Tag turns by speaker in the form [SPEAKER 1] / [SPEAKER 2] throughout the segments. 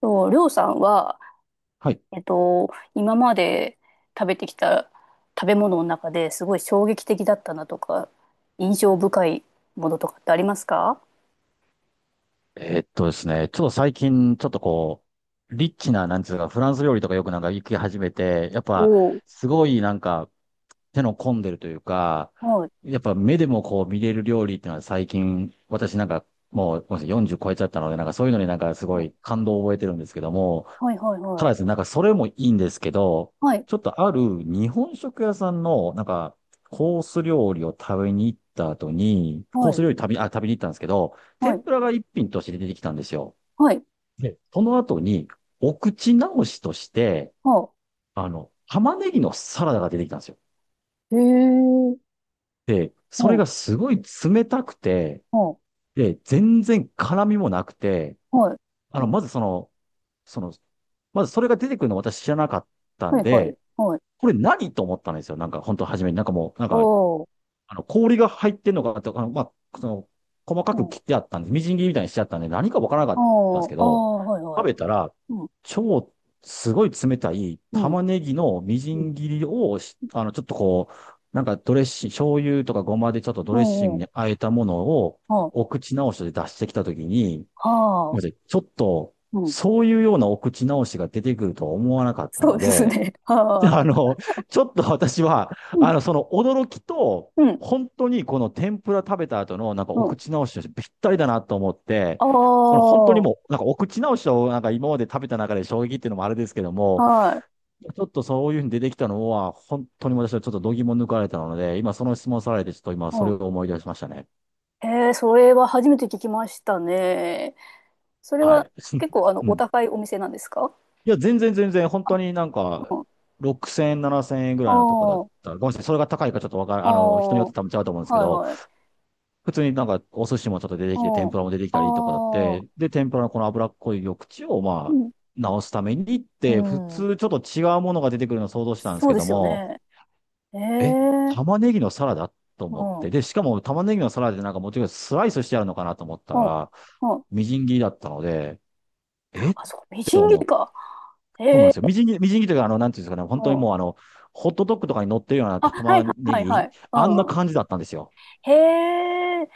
[SPEAKER 1] と、りょうさんは、
[SPEAKER 2] はい。
[SPEAKER 1] えっと、今まで食べてきた食べ物の中ですごい衝撃的だったなとか、印象深いものとかってありますか？
[SPEAKER 2] ですね、ちょっと最近、ちょっとこう、リッチな、なんつうか、フランス料理とかよくなんか行き始めて、やっ
[SPEAKER 1] お
[SPEAKER 2] ぱ、
[SPEAKER 1] お
[SPEAKER 2] すごいなんか、手の込んでるというか、
[SPEAKER 1] ー。
[SPEAKER 2] やっぱ目でもこう見れる料理っていうのは最近、私なんか、もうごめんなさい40超えちゃったので、なんかそういうのになんかすご
[SPEAKER 1] は
[SPEAKER 2] い
[SPEAKER 1] い。
[SPEAKER 2] 感動を覚えてるんですけども、
[SPEAKER 1] はいはい
[SPEAKER 2] た
[SPEAKER 1] は
[SPEAKER 2] だですね、
[SPEAKER 1] い。
[SPEAKER 2] なんかそれもいいんですけど、
[SPEAKER 1] はい。
[SPEAKER 2] ちょっとある日本食屋さんの、なんか、コース料理を食べに行った後に、コ
[SPEAKER 1] は
[SPEAKER 2] ー
[SPEAKER 1] い。
[SPEAKER 2] ス料理食べ、あ、食べに行ったんですけど、
[SPEAKER 1] は
[SPEAKER 2] 天
[SPEAKER 1] い。
[SPEAKER 2] ぷらが一品として出てきたんですよ。
[SPEAKER 1] はい。
[SPEAKER 2] で、その後に、お口直しとして、
[SPEAKER 1] は
[SPEAKER 2] あの、玉ねぎのサラダが出てきたんですよ。
[SPEAKER 1] い。へえ。
[SPEAKER 2] で、
[SPEAKER 1] は
[SPEAKER 2] それ
[SPEAKER 1] い。
[SPEAKER 2] がすごい冷たくて、
[SPEAKER 1] は
[SPEAKER 2] で、全然辛みもなくて、
[SPEAKER 1] い。
[SPEAKER 2] あの、まずその、その、まずそれが出てくるの私知らなかった
[SPEAKER 1] は
[SPEAKER 2] ん
[SPEAKER 1] い。はい。はい。
[SPEAKER 2] で、
[SPEAKER 1] はい。
[SPEAKER 2] これ何と思ったんですよ。なんか、本当初めに。なんかもう、なんか、
[SPEAKER 1] おー。
[SPEAKER 2] あの、氷が入ってんのかとか、あの、細か
[SPEAKER 1] う
[SPEAKER 2] く
[SPEAKER 1] ん。
[SPEAKER 2] 切ってあったんで、みじん切りみたいにしちゃったんで、何かわからなかったんで
[SPEAKER 1] お
[SPEAKER 2] す
[SPEAKER 1] ー。
[SPEAKER 2] け
[SPEAKER 1] あー。
[SPEAKER 2] ど、
[SPEAKER 1] はい。は
[SPEAKER 2] 食
[SPEAKER 1] い。
[SPEAKER 2] べたら、
[SPEAKER 1] うん。
[SPEAKER 2] 超、すごい冷たい
[SPEAKER 1] うん。
[SPEAKER 2] 玉ねぎのみじ
[SPEAKER 1] うん。
[SPEAKER 2] ん切りをし、あの、ちょっとこう、なんかドレッシング、醤油とかごまでちょっとド
[SPEAKER 1] う
[SPEAKER 2] レッシン
[SPEAKER 1] ん。う
[SPEAKER 2] グ
[SPEAKER 1] ん。
[SPEAKER 2] に和えたものを、
[SPEAKER 1] は
[SPEAKER 2] お口直しで出してきたときに、
[SPEAKER 1] あ。は
[SPEAKER 2] ご
[SPEAKER 1] あ。
[SPEAKER 2] めんなさいちょっと、
[SPEAKER 1] うん。
[SPEAKER 2] そういうようなお口直しが出てくるとは思わなかった
[SPEAKER 1] そう
[SPEAKER 2] の
[SPEAKER 1] です
[SPEAKER 2] で、
[SPEAKER 1] ね。は
[SPEAKER 2] あ
[SPEAKER 1] あ。
[SPEAKER 2] の、ちょっと私は、
[SPEAKER 1] うん。
[SPEAKER 2] あの、その驚きと、
[SPEAKER 1] うん。
[SPEAKER 2] 本当にこの天ぷら食べた後の、なんか
[SPEAKER 1] う
[SPEAKER 2] お
[SPEAKER 1] ん。
[SPEAKER 2] 口直しとしてぴったりだなと思って、
[SPEAKER 1] あ
[SPEAKER 2] その本当に
[SPEAKER 1] あ、
[SPEAKER 2] もう、なんかお口直しを、なんか今まで食べた中で衝撃っていうのもあれですけども、
[SPEAKER 1] はい。
[SPEAKER 2] ちょっとそういうふうに出てきたのは、本当に私はちょっと度肝抜かれたので、今その質問されて、ちょっと今そ
[SPEAKER 1] う
[SPEAKER 2] れ
[SPEAKER 1] ん。
[SPEAKER 2] を思い出しましたね。
[SPEAKER 1] へえ、それは初めて聞きましたね。それ
[SPEAKER 2] は
[SPEAKER 1] は
[SPEAKER 2] い。
[SPEAKER 1] 結構あの、
[SPEAKER 2] う
[SPEAKER 1] お
[SPEAKER 2] ん。
[SPEAKER 1] 高いお店なんですか？
[SPEAKER 2] いや、全然、本当になんか、
[SPEAKER 1] うん。
[SPEAKER 2] 6000円、7000円ぐ
[SPEAKER 1] あ
[SPEAKER 2] らいのとこだっ
[SPEAKER 1] あ、
[SPEAKER 2] た。ごめんなさい。それが高いかちょっとわかる、
[SPEAKER 1] あ
[SPEAKER 2] あの、人に
[SPEAKER 1] あ、
[SPEAKER 2] よっ
[SPEAKER 1] は
[SPEAKER 2] て多分違うと思うんですけ
[SPEAKER 1] い
[SPEAKER 2] ど、
[SPEAKER 1] はい。
[SPEAKER 2] 普通になんかお寿司もちょっと出てきて、天
[SPEAKER 1] う
[SPEAKER 2] ぷらも出てきたりとかだっ
[SPEAKER 1] ん。ああ、
[SPEAKER 2] て、で、天ぷらのこの脂っこい緑地を
[SPEAKER 1] う
[SPEAKER 2] まあ、
[SPEAKER 1] ん。
[SPEAKER 2] 直すためにっ
[SPEAKER 1] う
[SPEAKER 2] て、普
[SPEAKER 1] ん。
[SPEAKER 2] 通ちょっと違うものが出てくるのを想像したんです
[SPEAKER 1] そう
[SPEAKER 2] け
[SPEAKER 1] で
[SPEAKER 2] ど
[SPEAKER 1] すよ
[SPEAKER 2] も、
[SPEAKER 1] ね。え
[SPEAKER 2] え、
[SPEAKER 1] え、
[SPEAKER 2] 玉ねぎのサラダと
[SPEAKER 1] う
[SPEAKER 2] 思っ
[SPEAKER 1] ん。う
[SPEAKER 2] て、
[SPEAKER 1] ん。
[SPEAKER 2] で、しかも玉ねぎのサラダでなんかもちろんスライスしてあるのかなと思った
[SPEAKER 1] うん。
[SPEAKER 2] ら、みじん切りだったので、えっ
[SPEAKER 1] あ、そう、み
[SPEAKER 2] て
[SPEAKER 1] じん切
[SPEAKER 2] 思っ
[SPEAKER 1] り
[SPEAKER 2] て、
[SPEAKER 1] か。
[SPEAKER 2] そうな
[SPEAKER 1] へ
[SPEAKER 2] んで
[SPEAKER 1] え、
[SPEAKER 2] すよ。みじん切りというか、あの、なんていうんですかね、
[SPEAKER 1] う
[SPEAKER 2] 本当に
[SPEAKER 1] ん。
[SPEAKER 2] もうあの、ホットドッグとかに乗ってるような
[SPEAKER 1] あ、はい
[SPEAKER 2] 玉
[SPEAKER 1] はい
[SPEAKER 2] ね
[SPEAKER 1] はいは
[SPEAKER 2] ぎ、
[SPEAKER 1] い。う
[SPEAKER 2] あんな
[SPEAKER 1] んうん。
[SPEAKER 2] 感じだったんですよ。
[SPEAKER 1] へえ、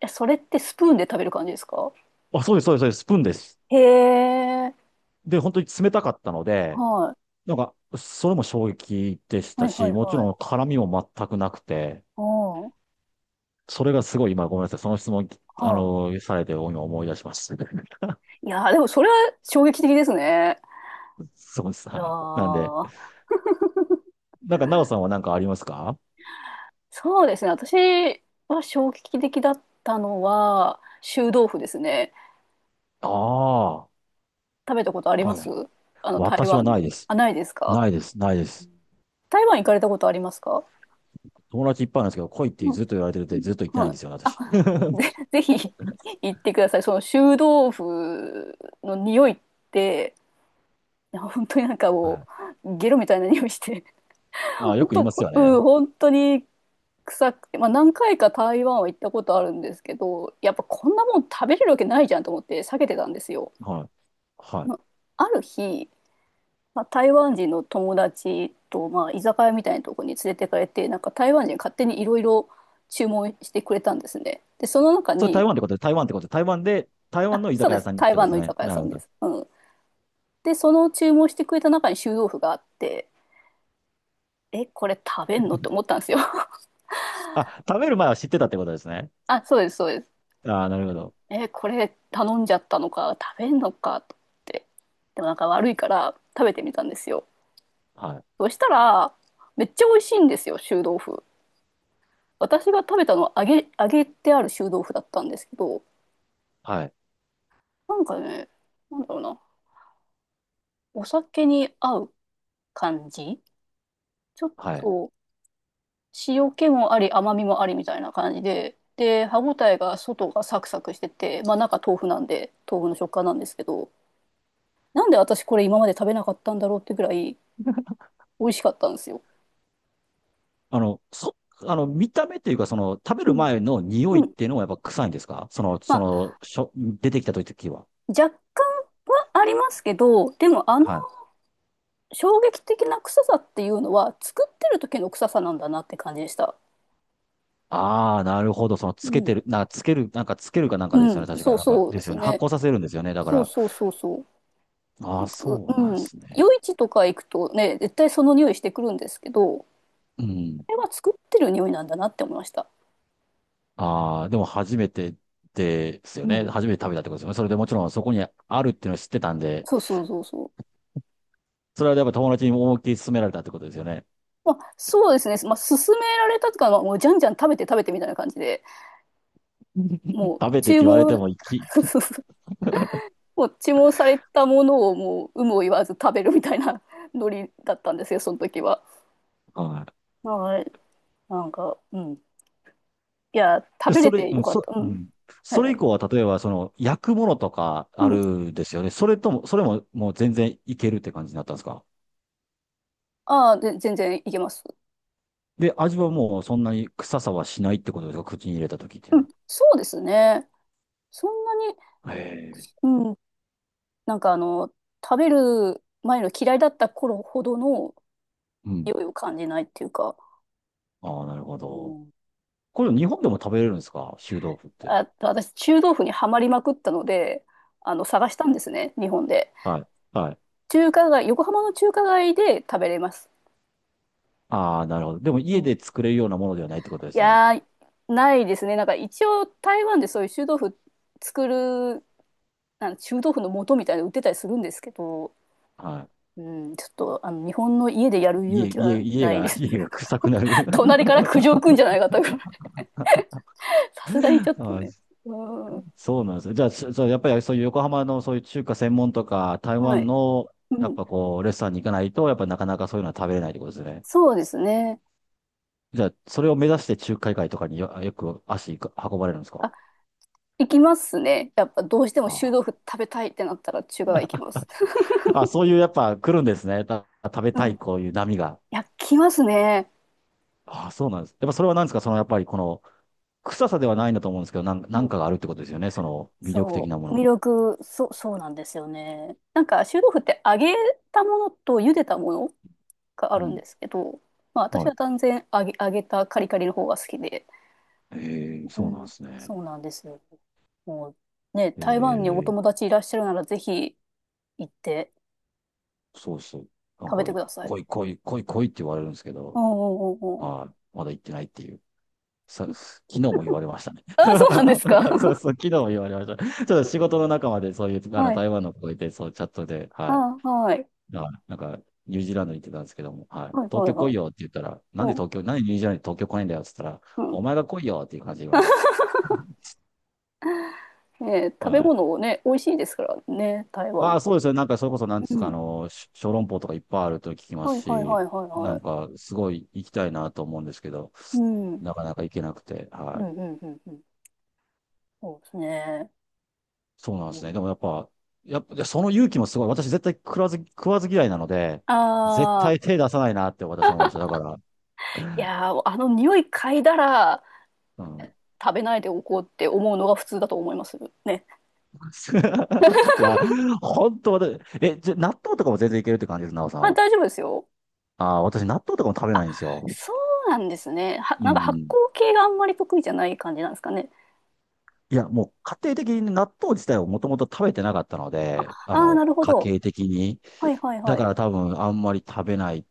[SPEAKER 1] えそれってスプーンで食べる感じですか？
[SPEAKER 2] あ、そうです、そうです、そうです、スプーンです。
[SPEAKER 1] へえ、
[SPEAKER 2] で、本当に冷たかったので、
[SPEAKER 1] はい。
[SPEAKER 2] なんか、それも衝撃でし
[SPEAKER 1] は
[SPEAKER 2] た
[SPEAKER 1] いは
[SPEAKER 2] し、
[SPEAKER 1] い
[SPEAKER 2] もち
[SPEAKER 1] は
[SPEAKER 2] ろ
[SPEAKER 1] い。
[SPEAKER 2] ん絡みも全くなくて、
[SPEAKER 1] おう。
[SPEAKER 2] それがすごい今ごめんなさい。その質問、あ
[SPEAKER 1] はあ、
[SPEAKER 2] の、されて今思い出しました。
[SPEAKER 1] いやー、でもそれは衝撃的ですね。
[SPEAKER 2] そうです。
[SPEAKER 1] いや
[SPEAKER 2] はい。なんで、
[SPEAKER 1] ー、
[SPEAKER 2] なんか、なおさんは何かありますか？
[SPEAKER 1] そうですね。私は衝撃的だったのは、臭豆腐ですね。
[SPEAKER 2] ああ、
[SPEAKER 1] 食べたことあり
[SPEAKER 2] は
[SPEAKER 1] ま
[SPEAKER 2] い。
[SPEAKER 1] す？あの、台
[SPEAKER 2] 私は
[SPEAKER 1] 湾
[SPEAKER 2] ない
[SPEAKER 1] の。
[SPEAKER 2] です。
[SPEAKER 1] あ、ないですか？
[SPEAKER 2] ないです。
[SPEAKER 1] 台湾行かれたことありますか？
[SPEAKER 2] 友達いっぱいなんですけど、来いって
[SPEAKER 1] うん。
[SPEAKER 2] ずっと言われてるってずっと言ってない
[SPEAKER 1] は
[SPEAKER 2] ん
[SPEAKER 1] い。
[SPEAKER 2] ですよね、
[SPEAKER 1] あ、
[SPEAKER 2] 私。はい。
[SPEAKER 1] で、ぜひ 行ってください。その臭豆腐の匂いって、いや本当になんかも う、ゲロみたいな匂いして、
[SPEAKER 2] ああ、よ
[SPEAKER 1] 本
[SPEAKER 2] く言い
[SPEAKER 1] 当、
[SPEAKER 2] ますよ
[SPEAKER 1] うん、
[SPEAKER 2] ね。
[SPEAKER 1] 本当に臭くて、まあ、何回か台湾は行ったことあるんですけどやっぱこんなもん食べれるわけないじゃんと思って避けてたんですよ。
[SPEAKER 2] はい。は
[SPEAKER 1] ま
[SPEAKER 2] い。
[SPEAKER 1] あ、ある日、まあ、台湾人の友達と、まあ、居酒屋みたいなところに連れてかれてなんか台湾人勝手にいろいろ注文してくれたんですね。でその中
[SPEAKER 2] それ台
[SPEAKER 1] に、
[SPEAKER 2] 湾ってことで、台湾ってことで、台湾で、台湾
[SPEAKER 1] あ、
[SPEAKER 2] の居
[SPEAKER 1] そう
[SPEAKER 2] 酒
[SPEAKER 1] で
[SPEAKER 2] 屋
[SPEAKER 1] す、
[SPEAKER 2] さんにっ
[SPEAKER 1] 台
[SPEAKER 2] てこ
[SPEAKER 1] 湾
[SPEAKER 2] とで
[SPEAKER 1] の
[SPEAKER 2] す
[SPEAKER 1] 居
[SPEAKER 2] ね。
[SPEAKER 1] 酒屋
[SPEAKER 2] な
[SPEAKER 1] さ
[SPEAKER 2] るほ
[SPEAKER 1] んで
[SPEAKER 2] ど。
[SPEAKER 1] す。うん、でその注文してくれた中に臭豆腐があって、えこれ食べんのって思ったんですよ。
[SPEAKER 2] あ、食べる前は知ってたってことですね。
[SPEAKER 1] あ、そうです、そうです。
[SPEAKER 2] ああ、なるほど。
[SPEAKER 1] え、これ頼んじゃったのか、食べんのかと思って。でもなんか悪いから食べてみたんですよ。
[SPEAKER 2] はい。
[SPEAKER 1] そしたら、めっちゃ美味しいんですよ、臭豆腐。私が食べたのは揚げてある臭豆腐だったんですけど、
[SPEAKER 2] はい。
[SPEAKER 1] なんかね、なんだろうな、お酒に合う感じ、ちょっ
[SPEAKER 2] はい。
[SPEAKER 1] と塩気もあり、甘みもありみたいな感じで、で、歯ごたえが外がサクサクしてて、まあ中豆腐なんで、豆腐の食感なんですけど、なんで私これ今まで食べなかったんだろうってぐらい美味しかったんですよ。
[SPEAKER 2] あの、そ、あの、見た目っていうか、その、食べ
[SPEAKER 1] う
[SPEAKER 2] る
[SPEAKER 1] ん。
[SPEAKER 2] 前の匂
[SPEAKER 1] う
[SPEAKER 2] いっ
[SPEAKER 1] ん、
[SPEAKER 2] ていうのはやっぱ臭いんですか？
[SPEAKER 1] まあ、
[SPEAKER 2] 出てきた時は。
[SPEAKER 1] 若干はありますけど、でもあの
[SPEAKER 2] はい。
[SPEAKER 1] 衝撃的な臭さっていうのは、作ってる時の臭さなんだなって感じでした。
[SPEAKER 2] ああ、なるほど。その、
[SPEAKER 1] う
[SPEAKER 2] つけて
[SPEAKER 1] ん。
[SPEAKER 2] る、なんか、つける、なんか、つけるかなんかで
[SPEAKER 1] う
[SPEAKER 2] すよ
[SPEAKER 1] ん、
[SPEAKER 2] ね。確か、
[SPEAKER 1] そう
[SPEAKER 2] なんか、
[SPEAKER 1] そう
[SPEAKER 2] で
[SPEAKER 1] で
[SPEAKER 2] す
[SPEAKER 1] す
[SPEAKER 2] よね。発
[SPEAKER 1] ね。
[SPEAKER 2] 酵させるんですよね。だか
[SPEAKER 1] そう
[SPEAKER 2] ら、
[SPEAKER 1] そうそうそ
[SPEAKER 2] ああ、
[SPEAKER 1] う。う
[SPEAKER 2] そう
[SPEAKER 1] う
[SPEAKER 2] なんで
[SPEAKER 1] ん。
[SPEAKER 2] すね。
[SPEAKER 1] 夜市とか行くとね、絶対その匂いしてくるんですけど、こ
[SPEAKER 2] うん。
[SPEAKER 1] れは作ってる匂いなんだなって思いました。
[SPEAKER 2] ああ、でも、初めてですよ
[SPEAKER 1] う
[SPEAKER 2] ね。
[SPEAKER 1] ん。
[SPEAKER 2] 初めて食べたってことですよね。それでもちろん、そこにあるっていうのを知ってたんで、
[SPEAKER 1] そうそうそうそう。
[SPEAKER 2] それはやっぱ友達に思いっきり勧められたってことですよね。
[SPEAKER 1] まあ、そうですね。まあ、勧められたとか、まあもうじゃんじゃん食べて食べてみたいな感じで、も う
[SPEAKER 2] 食べてっ
[SPEAKER 1] 注
[SPEAKER 2] て言われて
[SPEAKER 1] 文、
[SPEAKER 2] も、き、
[SPEAKER 1] こう注文されたものをもう有無を言わず食べるみたいな ノリだったんですよ、その時は。
[SPEAKER 2] はい。
[SPEAKER 1] はい。なんか、うん。いや、食
[SPEAKER 2] で、
[SPEAKER 1] べ
[SPEAKER 2] そ
[SPEAKER 1] れ
[SPEAKER 2] れ、
[SPEAKER 1] て
[SPEAKER 2] う
[SPEAKER 1] よ
[SPEAKER 2] ん、
[SPEAKER 1] かっ
[SPEAKER 2] そ、
[SPEAKER 1] た。う
[SPEAKER 2] う
[SPEAKER 1] ん。
[SPEAKER 2] ん。
[SPEAKER 1] はい
[SPEAKER 2] そ
[SPEAKER 1] は
[SPEAKER 2] れ以
[SPEAKER 1] い。
[SPEAKER 2] 降は、例えば、その、焼くものとか
[SPEAKER 1] う
[SPEAKER 2] ある
[SPEAKER 1] ん。
[SPEAKER 2] んですよね。それとも、それも、もう全然いけるって感じになったんですか？
[SPEAKER 1] ああ、で、全然いけます。
[SPEAKER 2] で、味はもう、そんなに臭さはしないってことですか？口に入れた時っていう
[SPEAKER 1] うん。
[SPEAKER 2] の
[SPEAKER 1] そうですね。そんなに、
[SPEAKER 2] は。へえ。
[SPEAKER 1] うん。なんかあの、食べる前の嫌いだった頃ほどの
[SPEAKER 2] うん。
[SPEAKER 1] 匂いを感じないっていうか、
[SPEAKER 2] ああ、なるほ
[SPEAKER 1] う
[SPEAKER 2] ど。
[SPEAKER 1] ん。
[SPEAKER 2] これ、日本でも食べれるんですか？臭豆腐って。
[SPEAKER 1] あ、私、中豆腐にはまりまくったので、あの、探したんですね、日本で。
[SPEAKER 2] はい。はい。
[SPEAKER 1] 中華街、横浜の中華街で食べれます。
[SPEAKER 2] ああ、なるほど。でも、
[SPEAKER 1] う
[SPEAKER 2] 家
[SPEAKER 1] ん、
[SPEAKER 2] で作れるようなものではないってことで
[SPEAKER 1] い
[SPEAKER 2] すね。
[SPEAKER 1] やー、ないですね。なんか一応台湾でそういう作る、臭豆腐の素みたいなの売ってたりするんですけど、
[SPEAKER 2] は
[SPEAKER 1] うん、ちょっとあの日本の家でやる
[SPEAKER 2] い。
[SPEAKER 1] 勇気はないです。
[SPEAKER 2] 家が臭く なる。
[SPEAKER 1] 隣か ら苦情くんじゃないかと さすがにちょっとね。
[SPEAKER 2] あ
[SPEAKER 1] うん、
[SPEAKER 2] そうなんですよ。じゃあ、そうやっぱりそういう横浜のそういう中華専門とか、台
[SPEAKER 1] は
[SPEAKER 2] 湾
[SPEAKER 1] い。
[SPEAKER 2] の、
[SPEAKER 1] う
[SPEAKER 2] やっ
[SPEAKER 1] ん、
[SPEAKER 2] ぱこう、レストランに行かないと、やっぱなかなかそういうのは食べれないってことですね。
[SPEAKER 1] そうですね。
[SPEAKER 2] じゃあ、それを目指して中華街とかによく足が運ばれるんですか？
[SPEAKER 1] あ、行きますね。やっぱどうしても臭豆腐
[SPEAKER 2] あ
[SPEAKER 1] 食べたいってなったら中華街行きます。
[SPEAKER 2] あ、あそういうやっぱ来るんですね。食べ
[SPEAKER 1] う
[SPEAKER 2] た
[SPEAKER 1] ん。
[SPEAKER 2] い
[SPEAKER 1] い
[SPEAKER 2] こういう波が。
[SPEAKER 1] や、来ますね。
[SPEAKER 2] ああ、そうなんです。やっぱそれは何ですか？そのやっぱりこの、臭さではないんだと思うんですけど、な
[SPEAKER 1] う
[SPEAKER 2] ん
[SPEAKER 1] ん、
[SPEAKER 2] かがあるってことですよね。その魅力的
[SPEAKER 1] そ
[SPEAKER 2] なも
[SPEAKER 1] う、魅
[SPEAKER 2] の。
[SPEAKER 1] 力、そう、そうなんですよね。なんか、臭豆腐って揚げたものと茹でたものがあ
[SPEAKER 2] う
[SPEAKER 1] るん
[SPEAKER 2] ん。
[SPEAKER 1] ですけど、まあ、私
[SPEAKER 2] はい。
[SPEAKER 1] は断然揚げたカリカリの方が好きで、
[SPEAKER 2] ええ、
[SPEAKER 1] う
[SPEAKER 2] そうなんで
[SPEAKER 1] ん、
[SPEAKER 2] すね。
[SPEAKER 1] そうなんですよ。もう、ね、台湾にお
[SPEAKER 2] ええ、
[SPEAKER 1] 友達いらっしゃるなら、ぜひ行って
[SPEAKER 2] そうそう。なん
[SPEAKER 1] 食べ
[SPEAKER 2] か、
[SPEAKER 1] てください。
[SPEAKER 2] 来い来い来い来いって言われるんですけ
[SPEAKER 1] お、
[SPEAKER 2] ど、
[SPEAKER 1] うんうんうん
[SPEAKER 2] はい。まだ行ってないっていう。
[SPEAKER 1] うん。
[SPEAKER 2] 昨日も言われましたね。
[SPEAKER 1] あ、そうなんですか。
[SPEAKER 2] そうそう、昨日も言われました。ちょっと仕事の仲間でそういう、あの、
[SPEAKER 1] はい。
[SPEAKER 2] 台湾の子がいて、そう、チャットで、
[SPEAKER 1] あ、
[SPEAKER 2] はい。
[SPEAKER 1] はい。
[SPEAKER 2] はいなんか、ニュージーランドに行ってたんですけども、はい。
[SPEAKER 1] はい
[SPEAKER 2] 東
[SPEAKER 1] はい
[SPEAKER 2] 京来
[SPEAKER 1] は
[SPEAKER 2] い
[SPEAKER 1] い。
[SPEAKER 2] よって言ったら、
[SPEAKER 1] うん。
[SPEAKER 2] なんでニュージーランドに東京来ないんだよって言ったら、
[SPEAKER 1] うん。
[SPEAKER 2] お前が来いよっていう感じで言われます。
[SPEAKER 1] ね、食べ
[SPEAKER 2] はい。
[SPEAKER 1] 物をね、美味しいですからね、台
[SPEAKER 2] あ
[SPEAKER 1] 湾。
[SPEAKER 2] あ、そうですね。なんか、それこそ、なんで
[SPEAKER 1] う
[SPEAKER 2] すか、あ
[SPEAKER 1] ん。
[SPEAKER 2] の、小籠包とかいっぱいあると聞きま
[SPEAKER 1] は
[SPEAKER 2] す
[SPEAKER 1] いはいは
[SPEAKER 2] し、
[SPEAKER 1] いはい
[SPEAKER 2] な
[SPEAKER 1] は
[SPEAKER 2] ん
[SPEAKER 1] い。
[SPEAKER 2] か、すごい行きたいなと思うんですけど、
[SPEAKER 1] うん。うん、
[SPEAKER 2] なかなか行けなくて、は
[SPEAKER 1] う
[SPEAKER 2] い。
[SPEAKER 1] ん、うん、うん。そうですね。
[SPEAKER 2] そうなんですね。でもやっぱ、いやその勇気もすごい。私絶対食わず嫌いなので、絶
[SPEAKER 1] ああ
[SPEAKER 2] 対手出さないなって私は思いました。だから、
[SPEAKER 1] ー、いやー、あの匂い嗅いだら
[SPEAKER 2] うん。
[SPEAKER 1] 食べないでおこうって思うのが普通だと思います。ね。
[SPEAKER 2] いや、本当私、え、じゃ、納豆とかも全然いけるって感じです、なおさ
[SPEAKER 1] ま
[SPEAKER 2] ん
[SPEAKER 1] あ、
[SPEAKER 2] は。
[SPEAKER 1] 大丈夫ですよ。
[SPEAKER 2] ああ、私納豆とかも食べ
[SPEAKER 1] あ、
[SPEAKER 2] ないんですよ。
[SPEAKER 1] そうなんですね。は、
[SPEAKER 2] う
[SPEAKER 1] なんか発
[SPEAKER 2] ん。
[SPEAKER 1] 酵系があんまり得意じゃない感じなんですかね。
[SPEAKER 2] いや、もう家庭的に納豆自体をもともと食べてなかったので、あ
[SPEAKER 1] ああ、な
[SPEAKER 2] の、
[SPEAKER 1] るほ
[SPEAKER 2] 家
[SPEAKER 1] ど。
[SPEAKER 2] 計的に。
[SPEAKER 1] はいはい
[SPEAKER 2] だ
[SPEAKER 1] は
[SPEAKER 2] か
[SPEAKER 1] い。
[SPEAKER 2] ら多分あんまり食べない、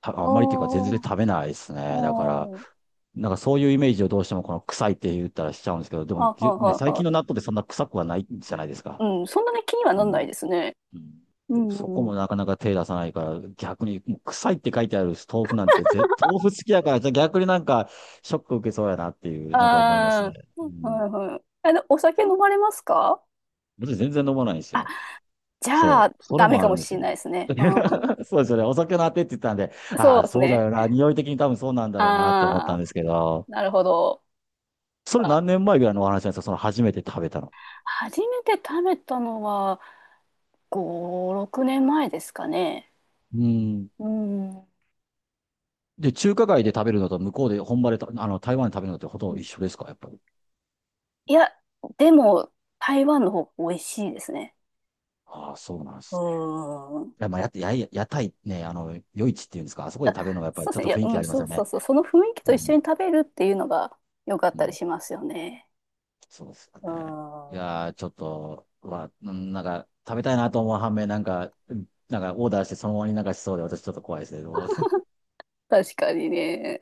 [SPEAKER 2] たあ
[SPEAKER 1] あ
[SPEAKER 2] んまりっていうか全然
[SPEAKER 1] ー
[SPEAKER 2] 食べないです
[SPEAKER 1] あ
[SPEAKER 2] ね。だから、
[SPEAKER 1] ー、
[SPEAKER 2] なんかそういうイメージをどうしてもこの臭いって言ったらしちゃうんですけど、でも、
[SPEAKER 1] あ、はい
[SPEAKER 2] ね、
[SPEAKER 1] はい
[SPEAKER 2] 最
[SPEAKER 1] は
[SPEAKER 2] 近の納
[SPEAKER 1] い。
[SPEAKER 2] 豆ってそんな臭くはないじゃないですか。
[SPEAKER 1] うん、そんなに気には
[SPEAKER 2] う
[SPEAKER 1] なんない
[SPEAKER 2] ん。
[SPEAKER 1] ですね。
[SPEAKER 2] うん
[SPEAKER 1] う
[SPEAKER 2] そこ
[SPEAKER 1] んうん。
[SPEAKER 2] もなかなか手出さないから、逆にもう臭いって書いてある豆腐なんて豆腐好きだから、じゃあ逆になんかショック受けそうやなっていう、なんか思います
[SPEAKER 1] あ
[SPEAKER 2] ね。
[SPEAKER 1] あ、
[SPEAKER 2] う
[SPEAKER 1] は
[SPEAKER 2] ん。
[SPEAKER 1] いはい。あの、お酒飲まれますか？
[SPEAKER 2] 私全然飲まないんです
[SPEAKER 1] あ、
[SPEAKER 2] よ。
[SPEAKER 1] じゃあ、
[SPEAKER 2] そう。それ
[SPEAKER 1] ダメ
[SPEAKER 2] もあ
[SPEAKER 1] か
[SPEAKER 2] る
[SPEAKER 1] も
[SPEAKER 2] んです
[SPEAKER 1] しれ
[SPEAKER 2] よ。
[SPEAKER 1] ないですね。うん。
[SPEAKER 2] そうですよね。お酒のあてって言ったんで、
[SPEAKER 1] そ
[SPEAKER 2] あ
[SPEAKER 1] う
[SPEAKER 2] あ、
[SPEAKER 1] です
[SPEAKER 2] そうだ
[SPEAKER 1] ね。
[SPEAKER 2] よな。匂い的に多分そうなんだろうなって思った
[SPEAKER 1] あ
[SPEAKER 2] ん
[SPEAKER 1] あ、
[SPEAKER 2] ですけど、
[SPEAKER 1] なるほど。
[SPEAKER 2] それ
[SPEAKER 1] ま
[SPEAKER 2] 何
[SPEAKER 1] あ、
[SPEAKER 2] 年前ぐらいのお話なんですか？その初めて食べたの。
[SPEAKER 1] 初めて食べたのは、5、6年前ですかね。
[SPEAKER 2] うん。
[SPEAKER 1] うん。う
[SPEAKER 2] で、中華街で食べるのと向こうで本場でた、あの、台湾で食べるのってほとんど一緒
[SPEAKER 1] ん、
[SPEAKER 2] ですか？やっぱり。
[SPEAKER 1] いや、でも、台湾の方が美味しいですね。
[SPEAKER 2] ああ、そうなんです。
[SPEAKER 1] うん。
[SPEAKER 2] いや、まあ、屋台ね、あの、夜市っていうんですか？あそこで食べるのがやっぱり
[SPEAKER 1] そうで
[SPEAKER 2] ち
[SPEAKER 1] す
[SPEAKER 2] ょっ
[SPEAKER 1] ね。
[SPEAKER 2] と
[SPEAKER 1] いや、
[SPEAKER 2] 雰囲気
[SPEAKER 1] う
[SPEAKER 2] あ
[SPEAKER 1] ん、
[SPEAKER 2] ります
[SPEAKER 1] そ
[SPEAKER 2] よ
[SPEAKER 1] うそ
[SPEAKER 2] ね。
[SPEAKER 1] うそう。その雰囲気
[SPEAKER 2] う
[SPEAKER 1] と一
[SPEAKER 2] ん。
[SPEAKER 1] 緒に食べるっていうのが良かっ
[SPEAKER 2] う
[SPEAKER 1] たり
[SPEAKER 2] ん
[SPEAKER 1] しますよね。
[SPEAKER 2] そうですよ
[SPEAKER 1] う
[SPEAKER 2] ね。い
[SPEAKER 1] ん。
[SPEAKER 2] やー、ちょっと、うんなんか、食べたいなと思う反面、なんか、うんなんか、オーダーしてそのままになんかしそうで、私ちょっと怖いですね。どう
[SPEAKER 1] 確かにね。